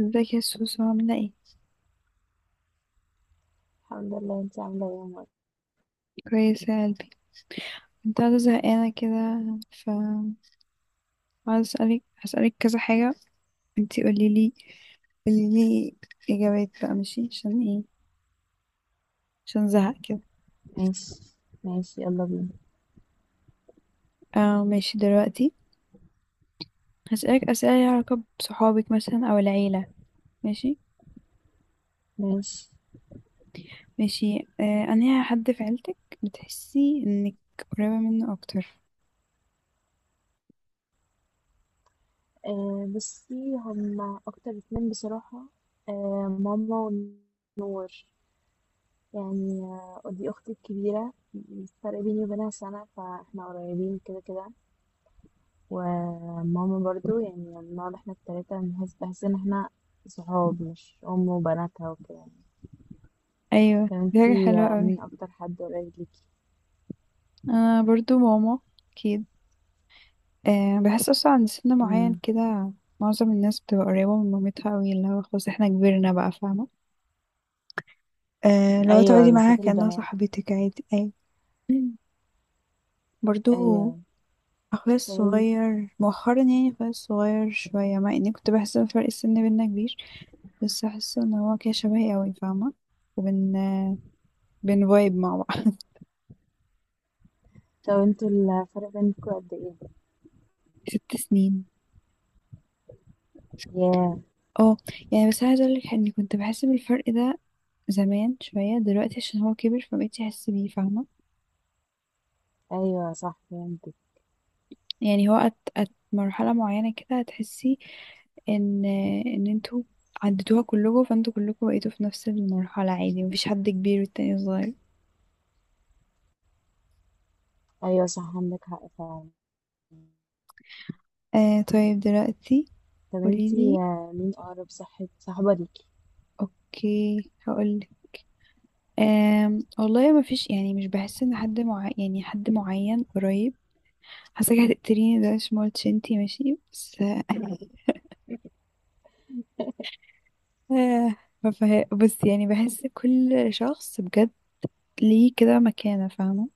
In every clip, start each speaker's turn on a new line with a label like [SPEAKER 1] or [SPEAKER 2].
[SPEAKER 1] ازيك يا سوسو؟ عاملة ايه؟
[SPEAKER 2] الحمد لله، انت عامله ايه يا عمر؟
[SPEAKER 1] كويسة يا قلبي. كنت قاعدة زهقانة كده، ف عايزة اسألك، هسألك كذا حاجة. انتي قوليلي قوليلي اجابات، بقى ماشي؟ عشان ايه؟ عشان زهق كده.
[SPEAKER 2] ماشي. ماشي يلا بينا.
[SPEAKER 1] اه، ماشي دلوقتي. هسألك اسئلة ليها علاقة بصحابك مثلا او العيلة. ماشي؟
[SPEAKER 2] ماشي.
[SPEAKER 1] ماشي. انا حد في عيلتك بتحسي انك قريبة منه اكتر؟
[SPEAKER 2] أه بصي، هما اكتر اتنين بصراحه. أه ماما ونور. يعني ودي اختي الكبيره، الفرق بيني وبينها سنه فاحنا قريبين كده كده. وماما برضو، يعني بنقعد احنا التلاته، بنحس بحس ان احنا صحاب، مش ام وبناتها وكده يعني.
[SPEAKER 1] ايوه،
[SPEAKER 2] طب
[SPEAKER 1] دي حاجة
[SPEAKER 2] انتي
[SPEAKER 1] حلوة اوي.
[SPEAKER 2] مين اكتر حد قريب ليكي؟
[SPEAKER 1] انا برضو ماما، اكيد. أه بحس اصلا عند سن معين
[SPEAKER 2] مم.
[SPEAKER 1] كده، معظم الناس بتبقى قريبة من مامتها قوي، اللي هو خلاص احنا كبرنا بقى، فاهمة؟ أه لو
[SPEAKER 2] ايوه
[SPEAKER 1] تقعدي معاها
[SPEAKER 2] بالذات
[SPEAKER 1] كأنها
[SPEAKER 2] البنات.
[SPEAKER 1] صاحبتك عادي أي. برضو،
[SPEAKER 2] ايوه.
[SPEAKER 1] اخويا
[SPEAKER 2] طب
[SPEAKER 1] الصغير مؤخرا، يعني اخويا الصغير شوية، مع اني كنت بحس ان فرق السن بينا كبير بس احس ان هو كده شبهي قوي، فاهمة؟ وبن آه، بن فايب مع بعض.
[SPEAKER 2] طب انتوا الفرق بينكوا قد ايه؟
[SPEAKER 1] 6 سنين.
[SPEAKER 2] ياه.
[SPEAKER 1] اه يعني بس عايزة اقولك اني كنت بحس بالفرق ده زمان شوية، دلوقتي عشان هو كبر فبقيت احس بيه، فاهمة؟
[SPEAKER 2] ايوه صح فهمتك.
[SPEAKER 1] يعني هو مرحلة معينة كده هتحسي ان ان انتوا عديتوها كلكم، فانتوا كلكم بقيتوا في نفس المرحلة عادي، مفيش حد كبير والتاني صغير.
[SPEAKER 2] ايوه صح عندك حق فعلا.
[SPEAKER 1] طيب دلوقتي،
[SPEAKER 2] طب انتي
[SPEAKER 1] قوليلي.
[SPEAKER 2] مين اقرب صاحب صاحبة ليكي؟
[SPEAKER 1] اوكي، هقولك. والله ما فيش، يعني مش بحس ان حد، مع يعني حد معين قريب. حاساك هتقتليني، ده مش مولتش انتي، ماشي؟ بس آه آه، ما فه- بس يعني بحس كل شخص بجد ليه كده مكانة، فاهمة؟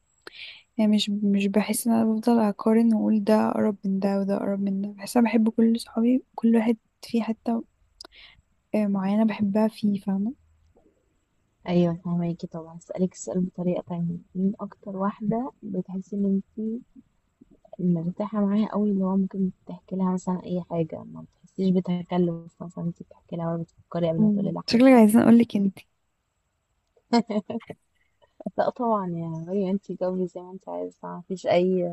[SPEAKER 1] يعني مش بحس ان انا بفضل اقارن واقول ده اقرب من ده وده اقرب من ده، بحس انا بحب كل صحابي، كل واحد في حتة معينة بحبها فيه، فاهمة؟
[SPEAKER 2] ايوه فهماكي. طبعا هسألك السؤال بطريقة تانية، مين اكتر واحدة بتحسي ان انتي مرتاحة معاها قوي، اللي هو ممكن تحكي لها مثلا اي حاجة ما بتحسيش بتكلف، مثلا انتي بتحكي لها ولا بتفكري قبل ما تقولي لها حاجة؟
[SPEAKER 1] شكلك عايزين اقولك انتي.
[SPEAKER 2] لا طبعا يا مريم، انتي جاوبي زي ما انتي عايزة، مفيش اي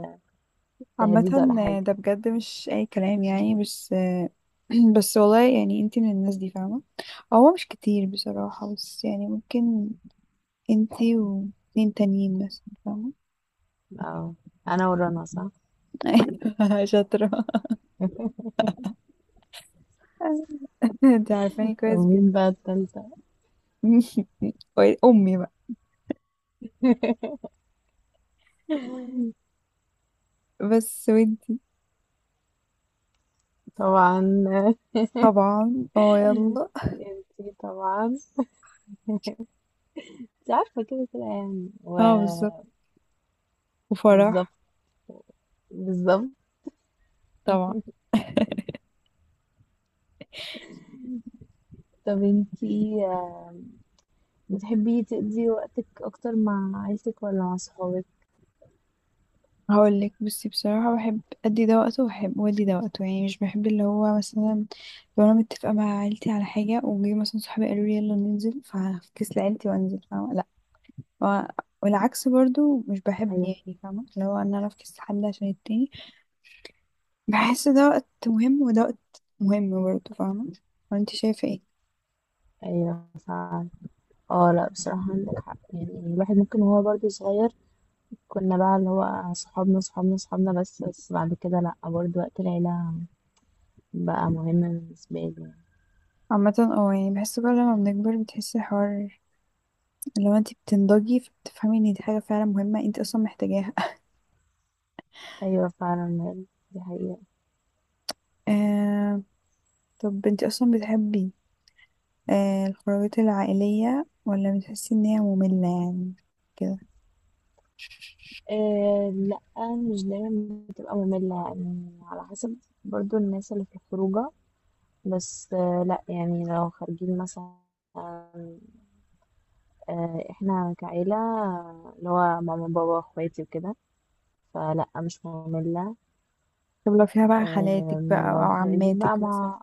[SPEAKER 1] عامة،
[SPEAKER 2] تهديد ولا حاجة.
[SPEAKER 1] ده بجد مش اي كلام يعني، بس آه، بس والله يعني انتي من الناس دي، فاهمة؟ هو مش كتير بصراحة، بس يعني ممكن انتي واتنين تانيين مثلا، فاهمة؟
[SPEAKER 2] اه انا ورانا صح؟
[SPEAKER 1] شاطرة. انتي عارفاني
[SPEAKER 2] طب
[SPEAKER 1] كويس
[SPEAKER 2] مين
[SPEAKER 1] جدا.
[SPEAKER 2] بقى التالتة؟
[SPEAKER 1] امي بقى. بس ودي
[SPEAKER 2] طبعا.
[SPEAKER 1] طبعا. اه، يلا.
[SPEAKER 2] انتي طبعا، انتي عارفة كده كده يعني.
[SPEAKER 1] اه، بالظبط.
[SPEAKER 2] وبالظبط
[SPEAKER 1] وفرح.
[SPEAKER 2] بالظبط.
[SPEAKER 1] طبعا.
[SPEAKER 2] طب انتي بتحبي تقضي وقتك اكتر مع عيلتك ولا مع صحابك؟
[SPEAKER 1] هقول لك، بصي بصراحة، بحب أدي ده وقته وبحب وأدي ده وقته. يعني مش بحب اللي هو مثلا لو أنا متفقة مع عيلتي على حاجة، وجي مثلا صحابي قالوا لي يلا ننزل، فهفكس لعيلتي وأنزل، فاهمة؟ لأ. و- والعكس برضو مش بحب،
[SPEAKER 2] ايوه.
[SPEAKER 1] يعني فاهمة اللي هو إن أنا أفكس حد عشان التاني. بحس ده وقت مهم وده وقت مهم برضو، فاهمة؟ وأنت شايفة ايه؟
[SPEAKER 2] ايوه فعلا. اه لا بصراحة عندك حق، يعني الواحد ممكن وهو برضه صغير كنا بقى اللي هو صحابنا صحابنا صحابنا بس، بس بعد كده لا، برضه وقت العيلة بقى مهم بالنسبة لي.
[SPEAKER 1] عامة اه، يعني بحس كل ما بنكبر بتحسي الحوار، لو انت بتنضجي فبتفهمي ان دي حاجة فعلا مهمة، انت اصلا محتاجاها.
[SPEAKER 2] ايوه فعلا دي حقيقة.
[SPEAKER 1] آه طب انت اصلا بتحبي الخروجات العائلية، ولا بتحسي ان هي مملة يعني كده؟
[SPEAKER 2] آه لا، مش دايما بتبقى مملة يعني، على حسب برضو الناس اللي في الخروجة. بس لا يعني، لو خارجين مثلا احنا كعيلة، اللي هو ماما بابا اخواتي وكده، فلا مش مملة.
[SPEAKER 1] طب لو فيها بقى خالاتك بقى او
[SPEAKER 2] لو خارجين بقى
[SPEAKER 1] عماتك مثلا؟
[SPEAKER 2] مع،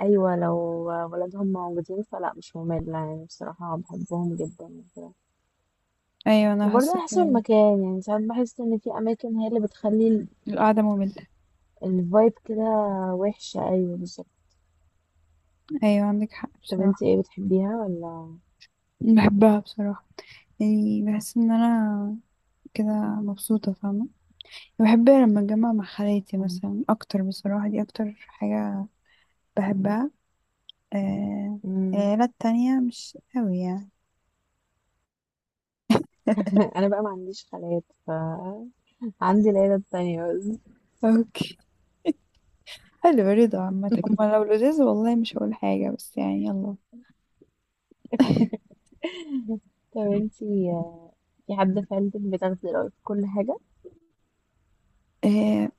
[SPEAKER 2] ايوه لو ولادهم موجودين فلا مش مملة يعني، بصراحة بحبهم جدا وكده.
[SPEAKER 1] ايوه، انا
[SPEAKER 2] وبرضه
[SPEAKER 1] حاسة
[SPEAKER 2] على حسب
[SPEAKER 1] كده.
[SPEAKER 2] المكان يعني، ساعات بحس ان في اماكن هي اللي بتخلي
[SPEAKER 1] القعدة مملة.
[SPEAKER 2] الفايب كده وحشة. أيوة بالظبط.
[SPEAKER 1] ايوه، عندك حق
[SPEAKER 2] طب انت
[SPEAKER 1] بصراحة.
[SPEAKER 2] ايه، بتحبيها ولا؟
[SPEAKER 1] بحبها بصراحة، يعني بحس ان انا كده مبسوطة، فاهمة؟ بحب لما اتجمع مع خالاتي
[SPEAKER 2] اه.
[SPEAKER 1] مثلا اكتر، بصراحة دي اكتر حاجة بحبها. آه،
[SPEAKER 2] مم.
[SPEAKER 1] العيلات التانية مش قوي يعني.
[SPEAKER 2] انا بقى ما عنديش خالات، ف عندي العيلة التانية بس.
[SPEAKER 1] اوكي، حلو. رضا عامة هما لو لذيذ، والله مش هقول حاجة بس يعني يلا.
[SPEAKER 2] طب انت في حد في عيلتك بتاخدي رأيه في كل حاجة؟
[SPEAKER 1] آه،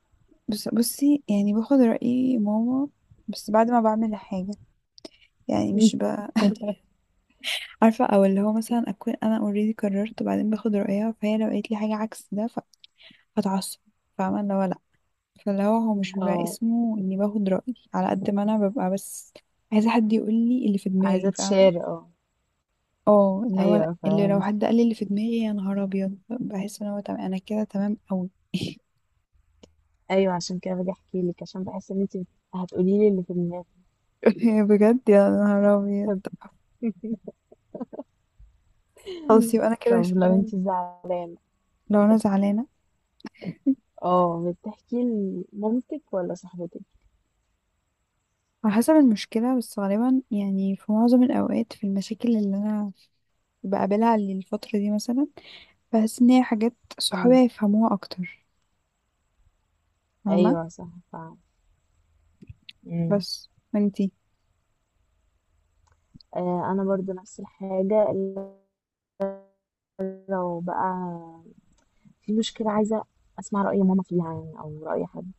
[SPEAKER 1] بصي يعني باخد رأي ماما بس بعد ما بعمل حاجة، يعني مش عارفة، او اللي هو مثلا اكون انا اوريدي قررت وبعدين باخد رأيها، فهي لو قالت لي حاجة عكس ده هتعصب، فاهمة اللي هو لا. فاللي هو هو مش بيبقى
[SPEAKER 2] اه.
[SPEAKER 1] اسمه اني باخد رأي، على قد ما انا ببقى بس عايزة حد يقول لي اللي في
[SPEAKER 2] عايزة
[SPEAKER 1] دماغي، فاهمة؟
[SPEAKER 2] تشير، اه.
[SPEAKER 1] اه، اللي هو
[SPEAKER 2] ايوه
[SPEAKER 1] اللي لو
[SPEAKER 2] فاهمك.
[SPEAKER 1] حد قال لي اللي في دماغي يا نهار ابيض، بحس ان هو تمام، انا كده تمام قوي.
[SPEAKER 2] ايوه عشان كده باجي احكي لك، عشان بحس ان انت هتقولي لي اللي في دماغك.
[SPEAKER 1] بجد يا نهار ابيض،
[SPEAKER 2] طب
[SPEAKER 1] خلاص يبقى انا كده
[SPEAKER 2] طب لو
[SPEAKER 1] شايل.
[SPEAKER 2] انت زعلانة،
[SPEAKER 1] لو انا زعلانه،
[SPEAKER 2] اه بتحكي لمامتك ولا صاحبتك؟
[SPEAKER 1] على حسب المشكله، بس غالبا يعني في معظم الاوقات، في المشاكل اللي انا بقابلها للفتره دي مثلا، بحس ان هي حاجات صحابي
[SPEAKER 2] مم.
[SPEAKER 1] هيفهموها اكتر، فاهمه.
[SPEAKER 2] ايوه صح فعلا.
[SPEAKER 1] بس انتي.
[SPEAKER 2] انا برضو نفس الحاجه، إلا لو بقى في مشكله عايزه اسمع راي ماما فيها، يعني او راي حد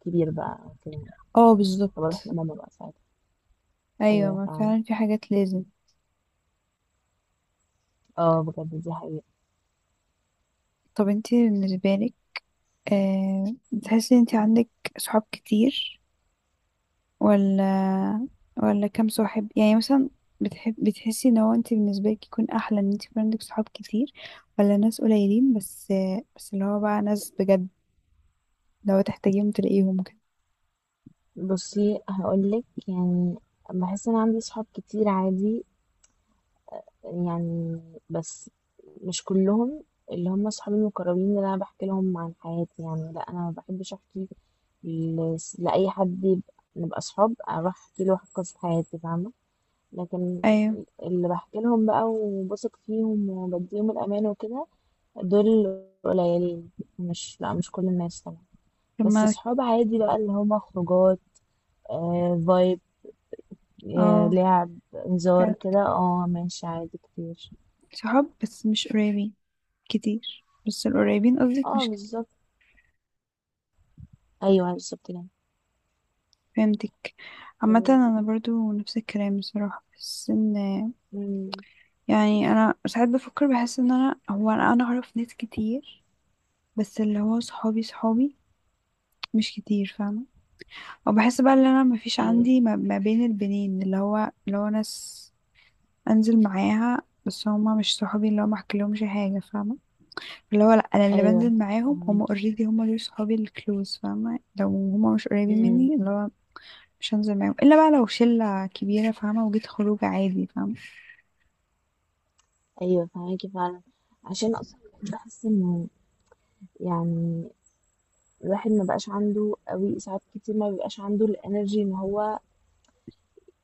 [SPEAKER 2] كبير بقى أو كده،
[SPEAKER 1] اه،
[SPEAKER 2] فبروح
[SPEAKER 1] بالظبط.
[SPEAKER 2] لماما بقى ساعتها.
[SPEAKER 1] ايوه،
[SPEAKER 2] ايوه
[SPEAKER 1] ما
[SPEAKER 2] فعلا،
[SPEAKER 1] فعلا في حاجات لازم.
[SPEAKER 2] اه بجد دي حقيقه.
[SPEAKER 1] طب انتي بالنسبه لك بتحسي ان انتي عندك صحاب كتير؟ ولا كام صاحب يعني مثلا؟ بتحب بتحسي ان هو انت بالنسبه لك يكون احلى ان انت يكون عندك صحاب كتير، ولا ناس قليلين بس، بس اللي هو بقى ناس بجد لو تحتاجيهم تلاقيهم كده؟
[SPEAKER 2] بصي هقولك، يعني بحس ان عندي صحاب كتير عادي يعني، بس مش كلهم، اللي هم صحابي المقربين اللي انا بحكي لهم عن حياتي يعني. لا انا ما بحبش احكي لاي حد نبقى صحاب اروح احكي له قصه حياتي فاهمه. لكن
[SPEAKER 1] ايوه
[SPEAKER 2] اللي بحكي لهم بقى وبثق فيهم وبديهم الأمان وكده، دول قليلين. مش لا مش كل الناس طبعا، بس
[SPEAKER 1] لما.
[SPEAKER 2] صحاب عادي بقى اللي هما خروجات، فايب،
[SPEAKER 1] اه،
[SPEAKER 2] لعب هزار
[SPEAKER 1] فهمت.
[SPEAKER 2] كده، اه ماشي عادي كتير.
[SPEAKER 1] صحاب بس مش قريبين كتير، بس القريبين قصدك
[SPEAKER 2] اه
[SPEAKER 1] مش كتير.
[SPEAKER 2] بالظبط، ايوه بالظبط كده.
[SPEAKER 1] فهمتك. عامة
[SPEAKER 2] تمام.
[SPEAKER 1] انا برضو نفس الكلام بصراحة، بس ان
[SPEAKER 2] مم،
[SPEAKER 1] يعني انا ساعات بفكر بحس ان انا هو انا اعرف ناس كتير، بس اللي هو صحابي صحابي مش كتير، فاهمة؟ وبحس بقى ان انا مفيش
[SPEAKER 2] ايوه.
[SPEAKER 1] عندي، ما بين البنين، اللي هو اللي هو ناس انزل معاها بس هما مش صحابي، اللي هو ما احكيلهمش حاجة، فاهمة؟ اللي هو لا، انا اللي
[SPEAKER 2] ايوه
[SPEAKER 1] بنزل معاهم هما
[SPEAKER 2] فهماكي.
[SPEAKER 1] اوريدي هما دول صحابي الكلوز، فاهمة لو هما مش قريبين
[SPEAKER 2] مم،
[SPEAKER 1] مني، اللي هو مش هنزل معاهم الا بقى لو شلة كبيرة فاهمة، وجيت خروج عادي، فاهمة؟
[SPEAKER 2] ايوه فهماكي فعلا. عشان اصلا بحس انه، يعني الواحد ما بقاش عنده قوي، ساعات كتير ما بيبقاش عنده الانرجي ان هو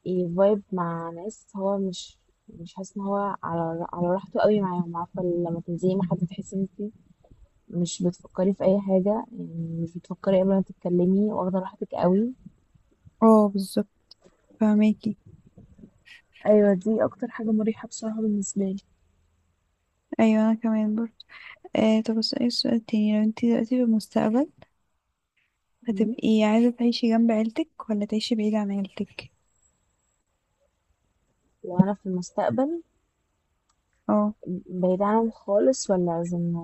[SPEAKER 2] يفايب مع ناس هو مش حاسس ان هو على راحته قوي معاهم. عارفه لما تنزلي مع حد تحسي ان انت مش بتفكري في اي حاجه، يعني مش بتفكري قبل ما تتكلمي، واخده راحتك قوي.
[SPEAKER 1] اه، بالظبط. فاهماكي.
[SPEAKER 2] ايوه دي اكتر حاجه مريحه بصراحه بالنسبه لي.
[SPEAKER 1] ايوه، انا كمان برضه. طب بس ايه السؤال التاني؟ لو انتي دلوقتي في المستقبل
[SPEAKER 2] مم.
[SPEAKER 1] هتبقي عايزة تعيشي جنب عيلتك، ولا تعيشي بعيد عن عيلتك؟
[SPEAKER 2] لو انا في المستقبل
[SPEAKER 1] اه
[SPEAKER 2] بعيد عنهم خالص ولا لازم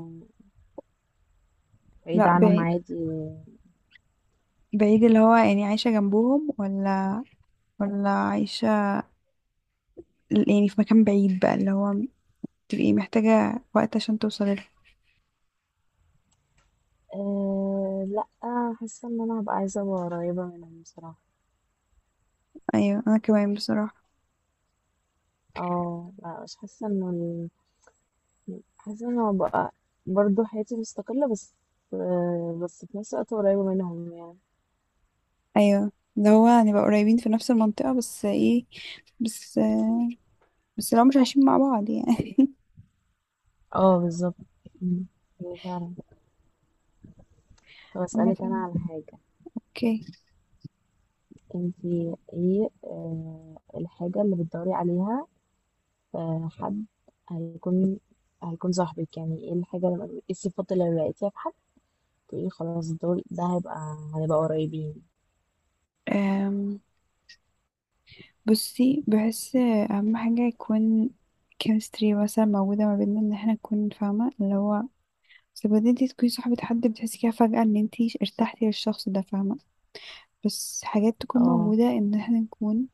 [SPEAKER 2] بعيد
[SPEAKER 1] لا،
[SPEAKER 2] عنهم
[SPEAKER 1] بعيد
[SPEAKER 2] عادي؟
[SPEAKER 1] بعيد اللي هو يعني عايشة جنبهم، ولا عايشة يعني في مكان بعيد بقى، اللي هو تبقي محتاجة وقت عشان توصلي له؟
[SPEAKER 2] لا، حاسه ان انا هبقى عايزه أبقى قريبه منهم بصراحه.
[SPEAKER 1] أيوة، أنا كمان بصراحة.
[SPEAKER 2] اه لا، مش حاسة انه حاسة انه بقى برضه حياتي مستقلة بس، بس في نفس الوقت قريبة منهم يعني.
[SPEAKER 1] أيوة اللي هو هنبقى قريبين في نفس المنطقة، بس ايه، بس بس لو مش عايشين مع بعض يعني.
[SPEAKER 2] اه بالظبط. مم. ايه فعلا. طب اسألك انا
[SPEAKER 1] عامة
[SPEAKER 2] على حاجة.
[SPEAKER 1] اوكي.
[SPEAKER 2] انتي ايه الحاجة اللي بتدوري عليها في حد هيكون هيكون صاحبك؟ يعني ايه الحاجة، لما ايه الصفات اللي لقيتيها في حد تقولي خلاص دول ده هنبقى قريبين؟
[SPEAKER 1] أم، بصي، بحس أهم حاجة يكون كيمستري مثلا موجودة ما بيننا، ان احنا نكون، فاهمة اللي هو بس بدي انتي تكوني صاحبة حد بتحسي كده فجأة ان انتي ارتحتي للشخص ده، فاهمة؟ بس حاجات تكون
[SPEAKER 2] اه.
[SPEAKER 1] موجودة ان احنا نكون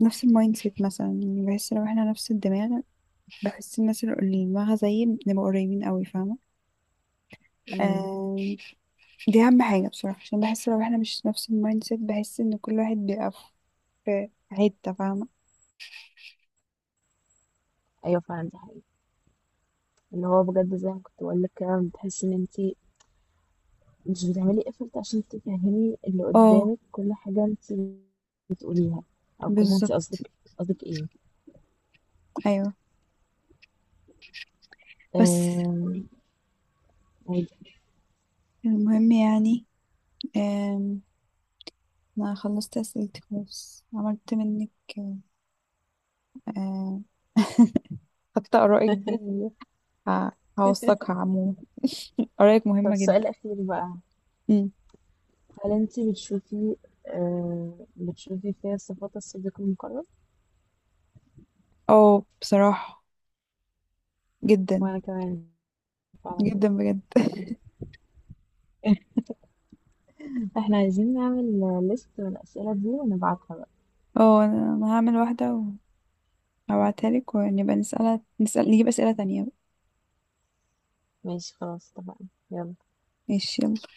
[SPEAKER 1] نفس المايند سيت مثلا، يعني بحس لو احنا نفس الدماغ، بحس الناس اللي دماغها زيي بنبقى قريبين قوي، فاهمة؟
[SPEAKER 2] امم.
[SPEAKER 1] آم، دي أهم حاجة بصراحة، عشان بحس لو احنا مش نفس المايند سيت، بحس ان كل واحد بيبقى في حتة، فاهمة؟
[SPEAKER 2] ايوه فعلا دي حقيقة. اللي هو بجد زي ما كنت بقول لك كده، بتحسي ان انتي مش بتعملي effort عشان تفهمي اللي
[SPEAKER 1] اه،
[SPEAKER 2] قدامك، كل حاجة انت بتقوليها او كل حاجة انت
[SPEAKER 1] بالظبط.
[SPEAKER 2] قصدك ايه.
[SPEAKER 1] ايوه بس
[SPEAKER 2] آم، عادي.
[SPEAKER 1] المهم يعني. آم، انا خلصت اسئلتي خلاص، عملت منك آم، خدت آرائك دي. ه- هوثقها عموما. آرائك
[SPEAKER 2] طب
[SPEAKER 1] مهمة
[SPEAKER 2] السؤال
[SPEAKER 1] جدا.
[SPEAKER 2] الأخير بقى،
[SPEAKER 1] امم
[SPEAKER 2] هل انت بتشوفي فيها صفات الصديق المقرب؟
[SPEAKER 1] اه بصراحة جدا
[SPEAKER 2] وانا كمان فعلا.
[SPEAKER 1] جدا بجد.
[SPEAKER 2] احنا عايزين نعمل ليست من الأسئلة دي ونبعتها بقى.
[SPEAKER 1] اه انا هعمل واحدة وهبعتها لك، ونبقى نسألها نسأل نجيب أسئلة تانية.
[SPEAKER 2] ماشي خلاص اتفقنا يلا.
[SPEAKER 1] ماشي.